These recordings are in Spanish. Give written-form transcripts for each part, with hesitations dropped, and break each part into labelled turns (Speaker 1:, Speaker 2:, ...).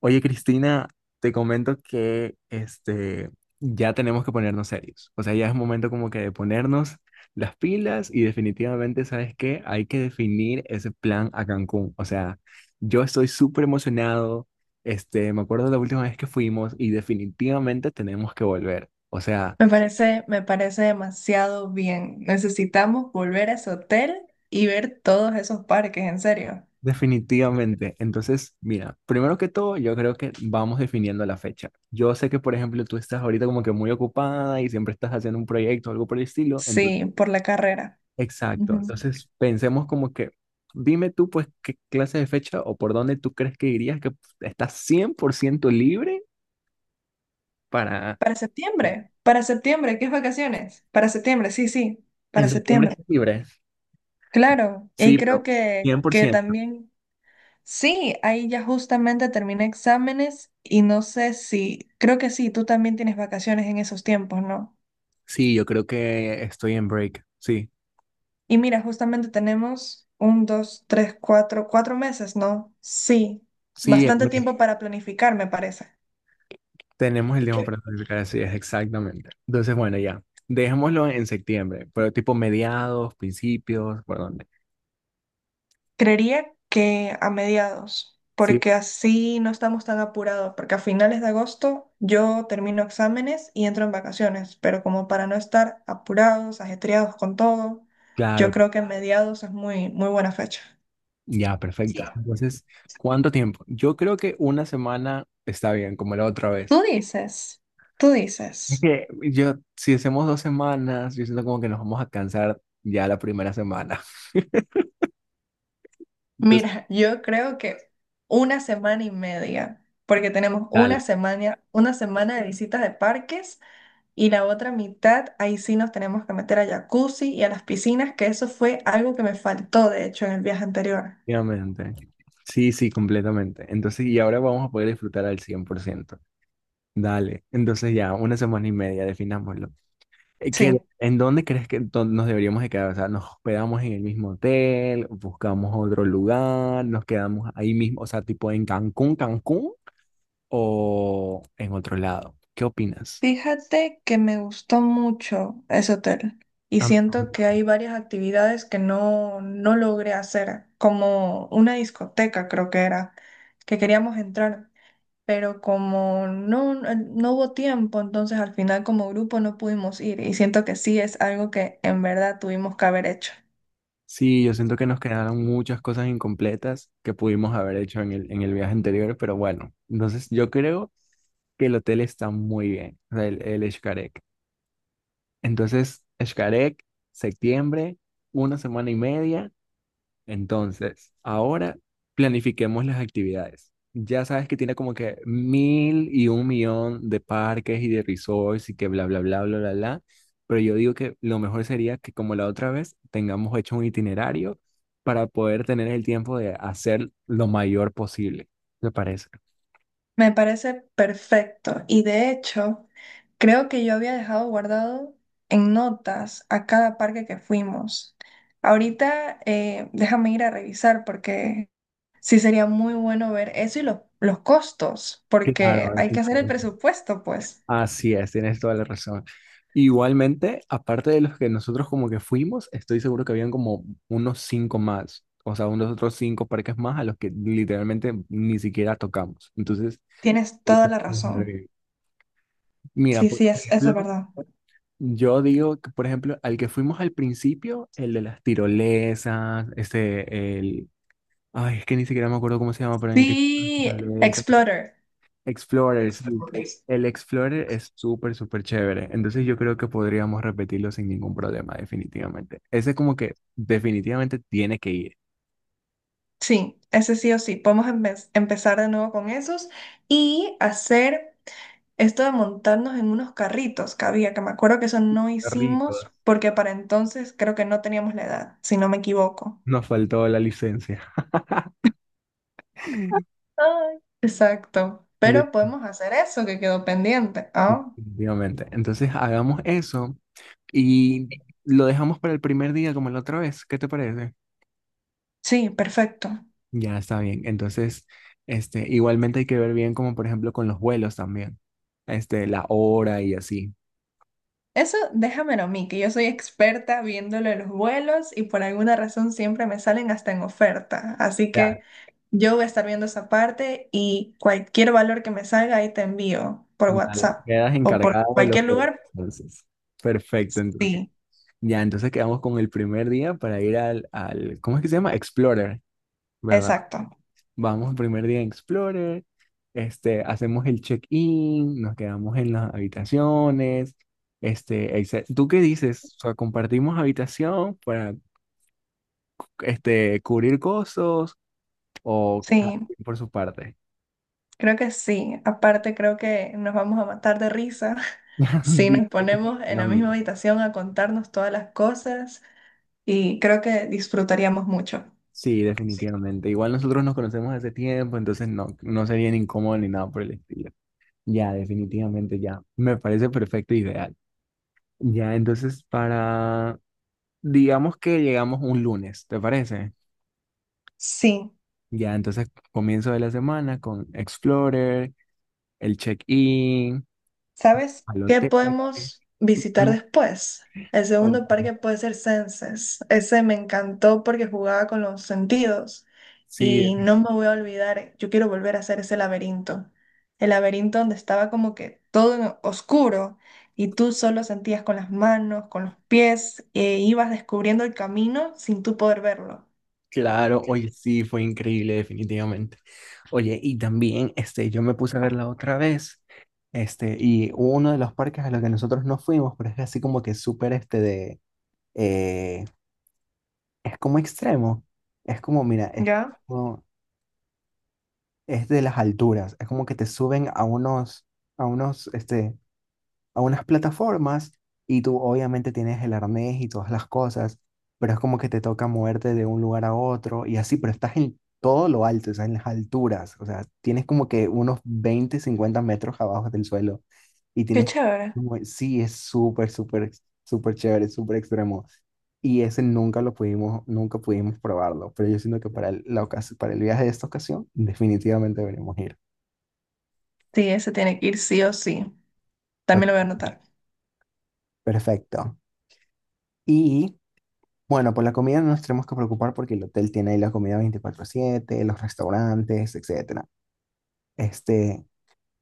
Speaker 1: Oye, Cristina, te comento que ya tenemos que ponernos serios. O sea, ya es momento como que de ponernos las pilas y definitivamente, ¿sabes qué? Hay que definir ese plan a Cancún. O sea, yo estoy súper emocionado. Me acuerdo la última vez que fuimos y definitivamente tenemos que volver. O sea,
Speaker 2: Me parece demasiado bien. Necesitamos volver a ese hotel y ver todos esos parques, en serio.
Speaker 1: definitivamente. Entonces, mira, primero que todo, yo creo que vamos definiendo la fecha. Yo sé que, por ejemplo, tú estás ahorita como que muy ocupada y siempre estás haciendo un proyecto o algo por el estilo.
Speaker 2: Sí, por la carrera.
Speaker 1: Exacto.
Speaker 2: Ujú.
Speaker 1: Entonces, pensemos como que, dime tú, pues, qué clase de fecha o por dónde tú crees que irías, que estás 100% libre para.
Speaker 2: Para septiembre, ¿qué es vacaciones? Para septiembre, sí, sí,
Speaker 1: En
Speaker 2: para
Speaker 1: septiembre
Speaker 2: septiembre.
Speaker 1: estás libre.
Speaker 2: Claro, y
Speaker 1: Sí,
Speaker 2: creo
Speaker 1: pero
Speaker 2: que,
Speaker 1: cien por
Speaker 2: que
Speaker 1: ciento.
Speaker 2: también, sí, ahí ya justamente terminé exámenes y no sé si, creo que sí, tú también tienes vacaciones en esos tiempos, ¿no?
Speaker 1: Sí, yo creo que estoy en break. Sí,
Speaker 2: Y mira, justamente tenemos un, dos, tres, cuatro meses, ¿no? Sí,
Speaker 1: sí, el
Speaker 2: bastante
Speaker 1: mes.
Speaker 2: tiempo para planificar, me parece.
Speaker 1: Tenemos el tiempo para planificar, así es, exactamente. Entonces, bueno, ya. Dejémoslo en septiembre, pero tipo mediados, principios, por dónde.
Speaker 2: Creería que a mediados,
Speaker 1: Sí,
Speaker 2: porque así no estamos tan apurados, porque a finales de agosto yo termino exámenes y entro en vacaciones, pero como para no estar apurados, ajetreados con todo, yo
Speaker 1: claro.
Speaker 2: creo que a mediados es muy, muy buena fecha.
Speaker 1: Ya, perfecto. Entonces, ¿cuánto tiempo? Yo creo que una semana está bien, como la otra
Speaker 2: Tú
Speaker 1: vez.
Speaker 2: dices, tú
Speaker 1: Es
Speaker 2: dices.
Speaker 1: que yo, si hacemos 2 semanas, yo siento como que nos vamos a cansar ya la primera semana. Entonces.
Speaker 2: Mira, yo creo que una semana y media, porque tenemos
Speaker 1: Dale.
Speaker 2: una semana de visitas de parques y la otra mitad, ahí sí nos tenemos que meter a jacuzzi y a las piscinas, que eso fue algo que me faltó, de hecho, en el viaje anterior.
Speaker 1: Efectivamente. Sí, sí, completamente. Entonces, y ahora vamos a poder disfrutar al 100%. Dale. Entonces ya, una semana y media, definámoslo. Eh, ¿qué-
Speaker 2: Sí.
Speaker 1: en dónde crees que nos deberíamos de quedar? O sea, nos hospedamos en el mismo hotel, buscamos otro lugar, nos quedamos ahí mismo, o sea, tipo en Cancún, Cancún o en otro lado. ¿Qué opinas?
Speaker 2: Fíjate que me gustó mucho ese hotel y
Speaker 1: Am-
Speaker 2: siento que hay varias actividades que no logré hacer, como una discoteca creo que era, que queríamos entrar. Pero como no hubo tiempo, entonces al final como grupo no pudimos ir y siento que sí es algo que en verdad tuvimos que haber hecho.
Speaker 1: Sí, yo siento que nos quedaron muchas cosas incompletas que pudimos haber hecho en el viaje anterior, pero bueno, entonces yo creo que el hotel está muy bien, o sea, el Xcaret. Entonces, Xcaret, septiembre, una semana y media. Entonces, ahora planifiquemos las actividades. Ya sabes que tiene como que mil y un millón de parques y de resorts y que bla, bla, bla, bla, bla, bla. Pero yo digo que lo mejor sería que como la otra vez tengamos hecho un itinerario para poder tener el tiempo de hacer lo mayor posible. ¿Te parece?
Speaker 2: Me parece perfecto y de hecho creo que yo había dejado guardado en notas a cada parque que fuimos. Ahorita déjame ir a revisar porque sí sería muy bueno ver eso y los costos,
Speaker 1: Claro,
Speaker 2: porque
Speaker 1: ahora
Speaker 2: hay
Speaker 1: sí.
Speaker 2: que hacer el presupuesto, pues.
Speaker 1: Así es, tienes toda la razón. Igualmente, aparte de los que nosotros como que fuimos, estoy seguro que habían como unos cinco más, o sea, unos otros cinco parques más a los que literalmente ni siquiera tocamos. Entonces,
Speaker 2: Tienes
Speaker 1: ahí
Speaker 2: toda
Speaker 1: pues,
Speaker 2: la
Speaker 1: nos
Speaker 2: razón.
Speaker 1: agregué. Mira,
Speaker 2: Sí,
Speaker 1: por
Speaker 2: sí, eso es
Speaker 1: ejemplo,
Speaker 2: verdad.
Speaker 1: yo digo que, por ejemplo, al que fuimos al principio, el de las tirolesas, ay, es que ni siquiera me acuerdo cómo se llama, pero en el que
Speaker 2: Vi Explorer.
Speaker 1: Explorer, sí.
Speaker 2: Explorer.
Speaker 1: El Explorer es súper, súper chévere. Entonces yo creo que podríamos repetirlo sin ningún problema, definitivamente. Ese es como que definitivamente tiene que ir.
Speaker 2: Sí, ese sí o sí. Podemos empezar de nuevo con esos y hacer esto de montarnos en unos carritos que había, que me acuerdo que eso no
Speaker 1: Perritos.
Speaker 2: hicimos porque para entonces creo que no teníamos la edad, si no me equivoco.
Speaker 1: Nos faltó la licencia.
Speaker 2: Ay. Exacto. Pero podemos hacer eso que quedó pendiente. Ah,
Speaker 1: Definitivamente. Entonces hagamos eso y lo dejamos para el primer día como la otra vez. ¿Qué te parece?
Speaker 2: sí, perfecto.
Speaker 1: Ya está bien. Entonces, igualmente hay que ver bien como por ejemplo con los vuelos también. La hora y así.
Speaker 2: Eso déjamelo a mí, que yo soy experta viéndole los vuelos y por alguna razón siempre me salen hasta en oferta. Así
Speaker 1: Ya.
Speaker 2: que yo voy a estar viendo esa parte y cualquier valor que me salga ahí te envío por
Speaker 1: Vale,
Speaker 2: WhatsApp
Speaker 1: quedas
Speaker 2: o por
Speaker 1: encargada de los
Speaker 2: cualquier
Speaker 1: dos,
Speaker 2: lugar.
Speaker 1: entonces. Perfecto, entonces.
Speaker 2: Sí,
Speaker 1: Ya, entonces quedamos con el primer día para ir al, ¿cómo es que se llama? Explorer, ¿verdad?
Speaker 2: exacto.
Speaker 1: Vamos, primer día en Explorer, hacemos el check-in, nos quedamos en las habitaciones, etc. ¿Tú qué dices? O sea, ¿compartimos habitación para, cubrir costos o cada
Speaker 2: Sí,
Speaker 1: quien por su parte?
Speaker 2: creo que sí. Aparte creo que nos vamos a matar de risa si
Speaker 1: Sí,
Speaker 2: nos ponemos en la misma
Speaker 1: definitivamente.
Speaker 2: habitación a contarnos todas las cosas y creo que disfrutaríamos mucho.
Speaker 1: Sí, definitivamente. Igual nosotros nos conocemos hace tiempo, entonces no sería ni incómodo ni nada por el estilo. Ya, definitivamente, ya. Me parece perfecto e ideal. Ya, entonces para, digamos que llegamos un lunes, ¿te parece?
Speaker 2: Sí.
Speaker 1: Ya, entonces comienzo de la semana con Explorer, el check-in,
Speaker 2: ¿Sabes
Speaker 1: al
Speaker 2: qué
Speaker 1: hotel.
Speaker 2: podemos visitar
Speaker 1: Ujú,
Speaker 2: después? El segundo
Speaker 1: cuéntame.
Speaker 2: parque puede ser Senses. Ese me encantó porque jugaba con los sentidos
Speaker 1: Sí,
Speaker 2: y no me voy a olvidar, yo quiero volver a hacer ese laberinto. El laberinto donde estaba como que todo en oscuro y tú solo sentías con las manos, con los pies e ibas descubriendo el camino sin tú poder verlo.
Speaker 1: claro, oye, sí, fue increíble, definitivamente. Oye, y también, yo me puse a verla otra vez, y hubo uno de los parques a los que nosotros no fuimos, pero es así como que súper, eh, es como extremo, es como, mira,
Speaker 2: ¿Ya?
Speaker 1: como- es de las alturas, es como que te suben a unos, a unos, este, a unas plataformas y tú obviamente tienes el arnés y todas las cosas, pero es como que te toca moverte de un lugar a otro y así, pero estás en todo lo alto, o sea, en las alturas, o sea, tienes como que unos 20 50 metros abajo del suelo y
Speaker 2: Qué
Speaker 1: tienes que.
Speaker 2: chévere.
Speaker 1: Sí, es súper, súper, súper chévere, súper extremo. Y ese nunca lo pudimos, nunca pudimos probarlo, pero yo siento que para el viaje de esta ocasión definitivamente deberíamos ir.
Speaker 2: Sí, ese tiene que ir sí o sí.
Speaker 1: Está.
Speaker 2: También lo voy a anotar.
Speaker 1: Perfecto. Y Bueno, por la comida no nos tenemos que preocupar porque el hotel tiene ahí la comida 24/7 los restaurantes, etcétera. Este,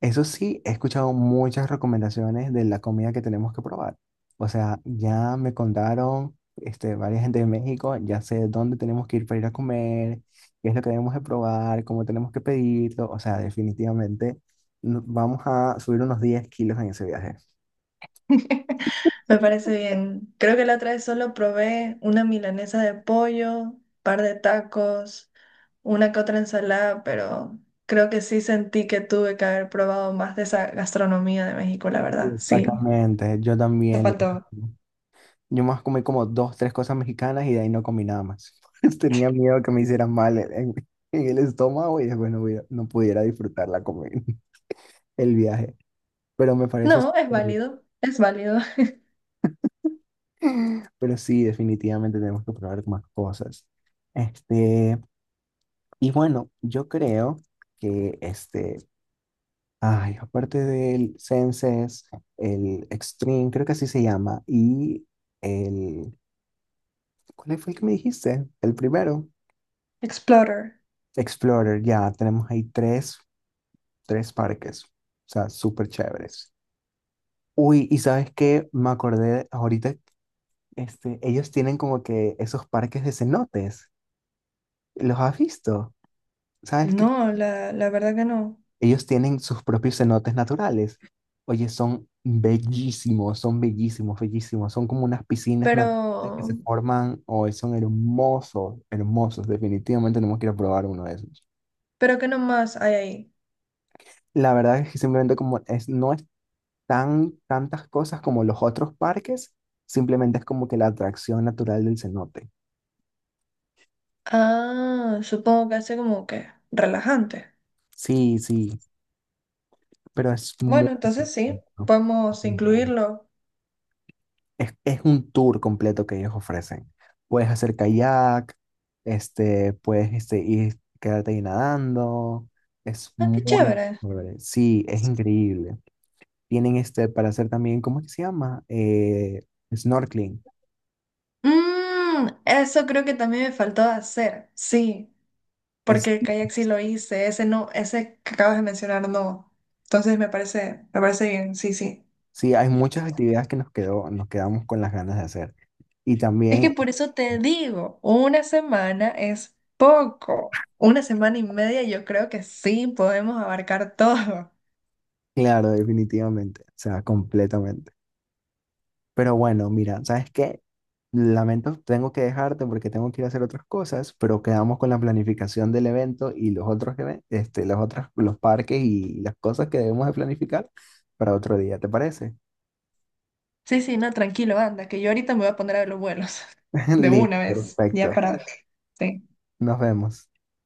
Speaker 1: eso sí, he escuchado muchas recomendaciones de la comida que tenemos que probar. O sea, ya me contaron, varias gente de México, ya sé dónde tenemos que ir para ir a comer, qué es lo que debemos de probar, cómo tenemos que pedirlo. O sea, definitivamente vamos a subir unos 10 kilos en ese viaje.
Speaker 2: Me parece bien. Creo que la otra vez solo probé una milanesa de pollo, par de tacos, una que otra ensalada, pero creo que sí sentí que tuve que haber probado más de esa gastronomía de México, la verdad. Sí.
Speaker 1: Exactamente, yo
Speaker 2: Te
Speaker 1: también.
Speaker 2: faltó.
Speaker 1: Yo más comí como dos, tres cosas mexicanas y de ahí no comí nada más. Tenía miedo que me hicieran mal en el estómago y después no pudiera disfrutar la comida, el viaje. Pero me parece
Speaker 2: No, es
Speaker 1: súper bien.
Speaker 2: válido, es válido.
Speaker 1: Pero sí, definitivamente tenemos que probar más cosas. Este, y bueno, yo creo que aparte del Senses, el Extreme, creo que así se llama, y el, ¿cuál fue el que me dijiste? El primero.
Speaker 2: Explorer.
Speaker 1: Explorer, ya tenemos ahí tres parques, o sea, súper chéveres. Uy, y sabes qué, me acordé ahorita, ellos tienen como que esos parques de cenotes, ¿los has visto? ¿Sabes qué?
Speaker 2: No, la verdad que no.
Speaker 1: Ellos tienen sus propios cenotes naturales. Oye, son bellísimos, bellísimos, son como unas piscinas
Speaker 2: Pero,
Speaker 1: naturales que se forman, hoy son hermosos, hermosos, definitivamente tenemos que ir a probar uno de esos.
Speaker 2: pero ¿qué nomás hay ahí?
Speaker 1: La verdad es que simplemente como es, no tantas cosas como los otros parques, simplemente es como que la atracción natural del cenote.
Speaker 2: Ah, supongo que hace como que relajante.
Speaker 1: Sí, sí, pero es muy
Speaker 2: Bueno, entonces sí, podemos
Speaker 1: bonito.
Speaker 2: incluirlo.
Speaker 1: Es un tour completo que ellos ofrecen. Puedes hacer kayak, puedes ir, quedarte ahí nadando. Es
Speaker 2: Ah, qué
Speaker 1: muy
Speaker 2: chévere.
Speaker 1: chévere. Sí, es increíble. Tienen para hacer también, ¿cómo es que se llama? Snorkeling.
Speaker 2: Eso creo que también me faltó hacer, sí, porque el kayak sí lo hice, ese no, ese que acabas de mencionar no. Entonces me parece bien, sí, sí.
Speaker 1: Sí, hay muchas actividades que nos quedamos con las ganas de hacer. Y
Speaker 2: Es que
Speaker 1: también,
Speaker 2: por eso te digo, una semana es poco. Una semana y media yo creo que sí podemos abarcar todo.
Speaker 1: claro, definitivamente, o sea, completamente. Pero bueno, mira, ¿sabes qué? Lamento, tengo que dejarte porque tengo que ir a hacer otras cosas, pero quedamos con la planificación del evento y los otros, los parques y las cosas que debemos de planificar para otro día, ¿te parece?
Speaker 2: Sí, sí, no, tranquilo, anda, que yo ahorita me voy a poner a ver los vuelos de
Speaker 1: Listo,
Speaker 2: una vez, ya
Speaker 1: perfecto.
Speaker 2: para... sí.
Speaker 1: Nos vemos.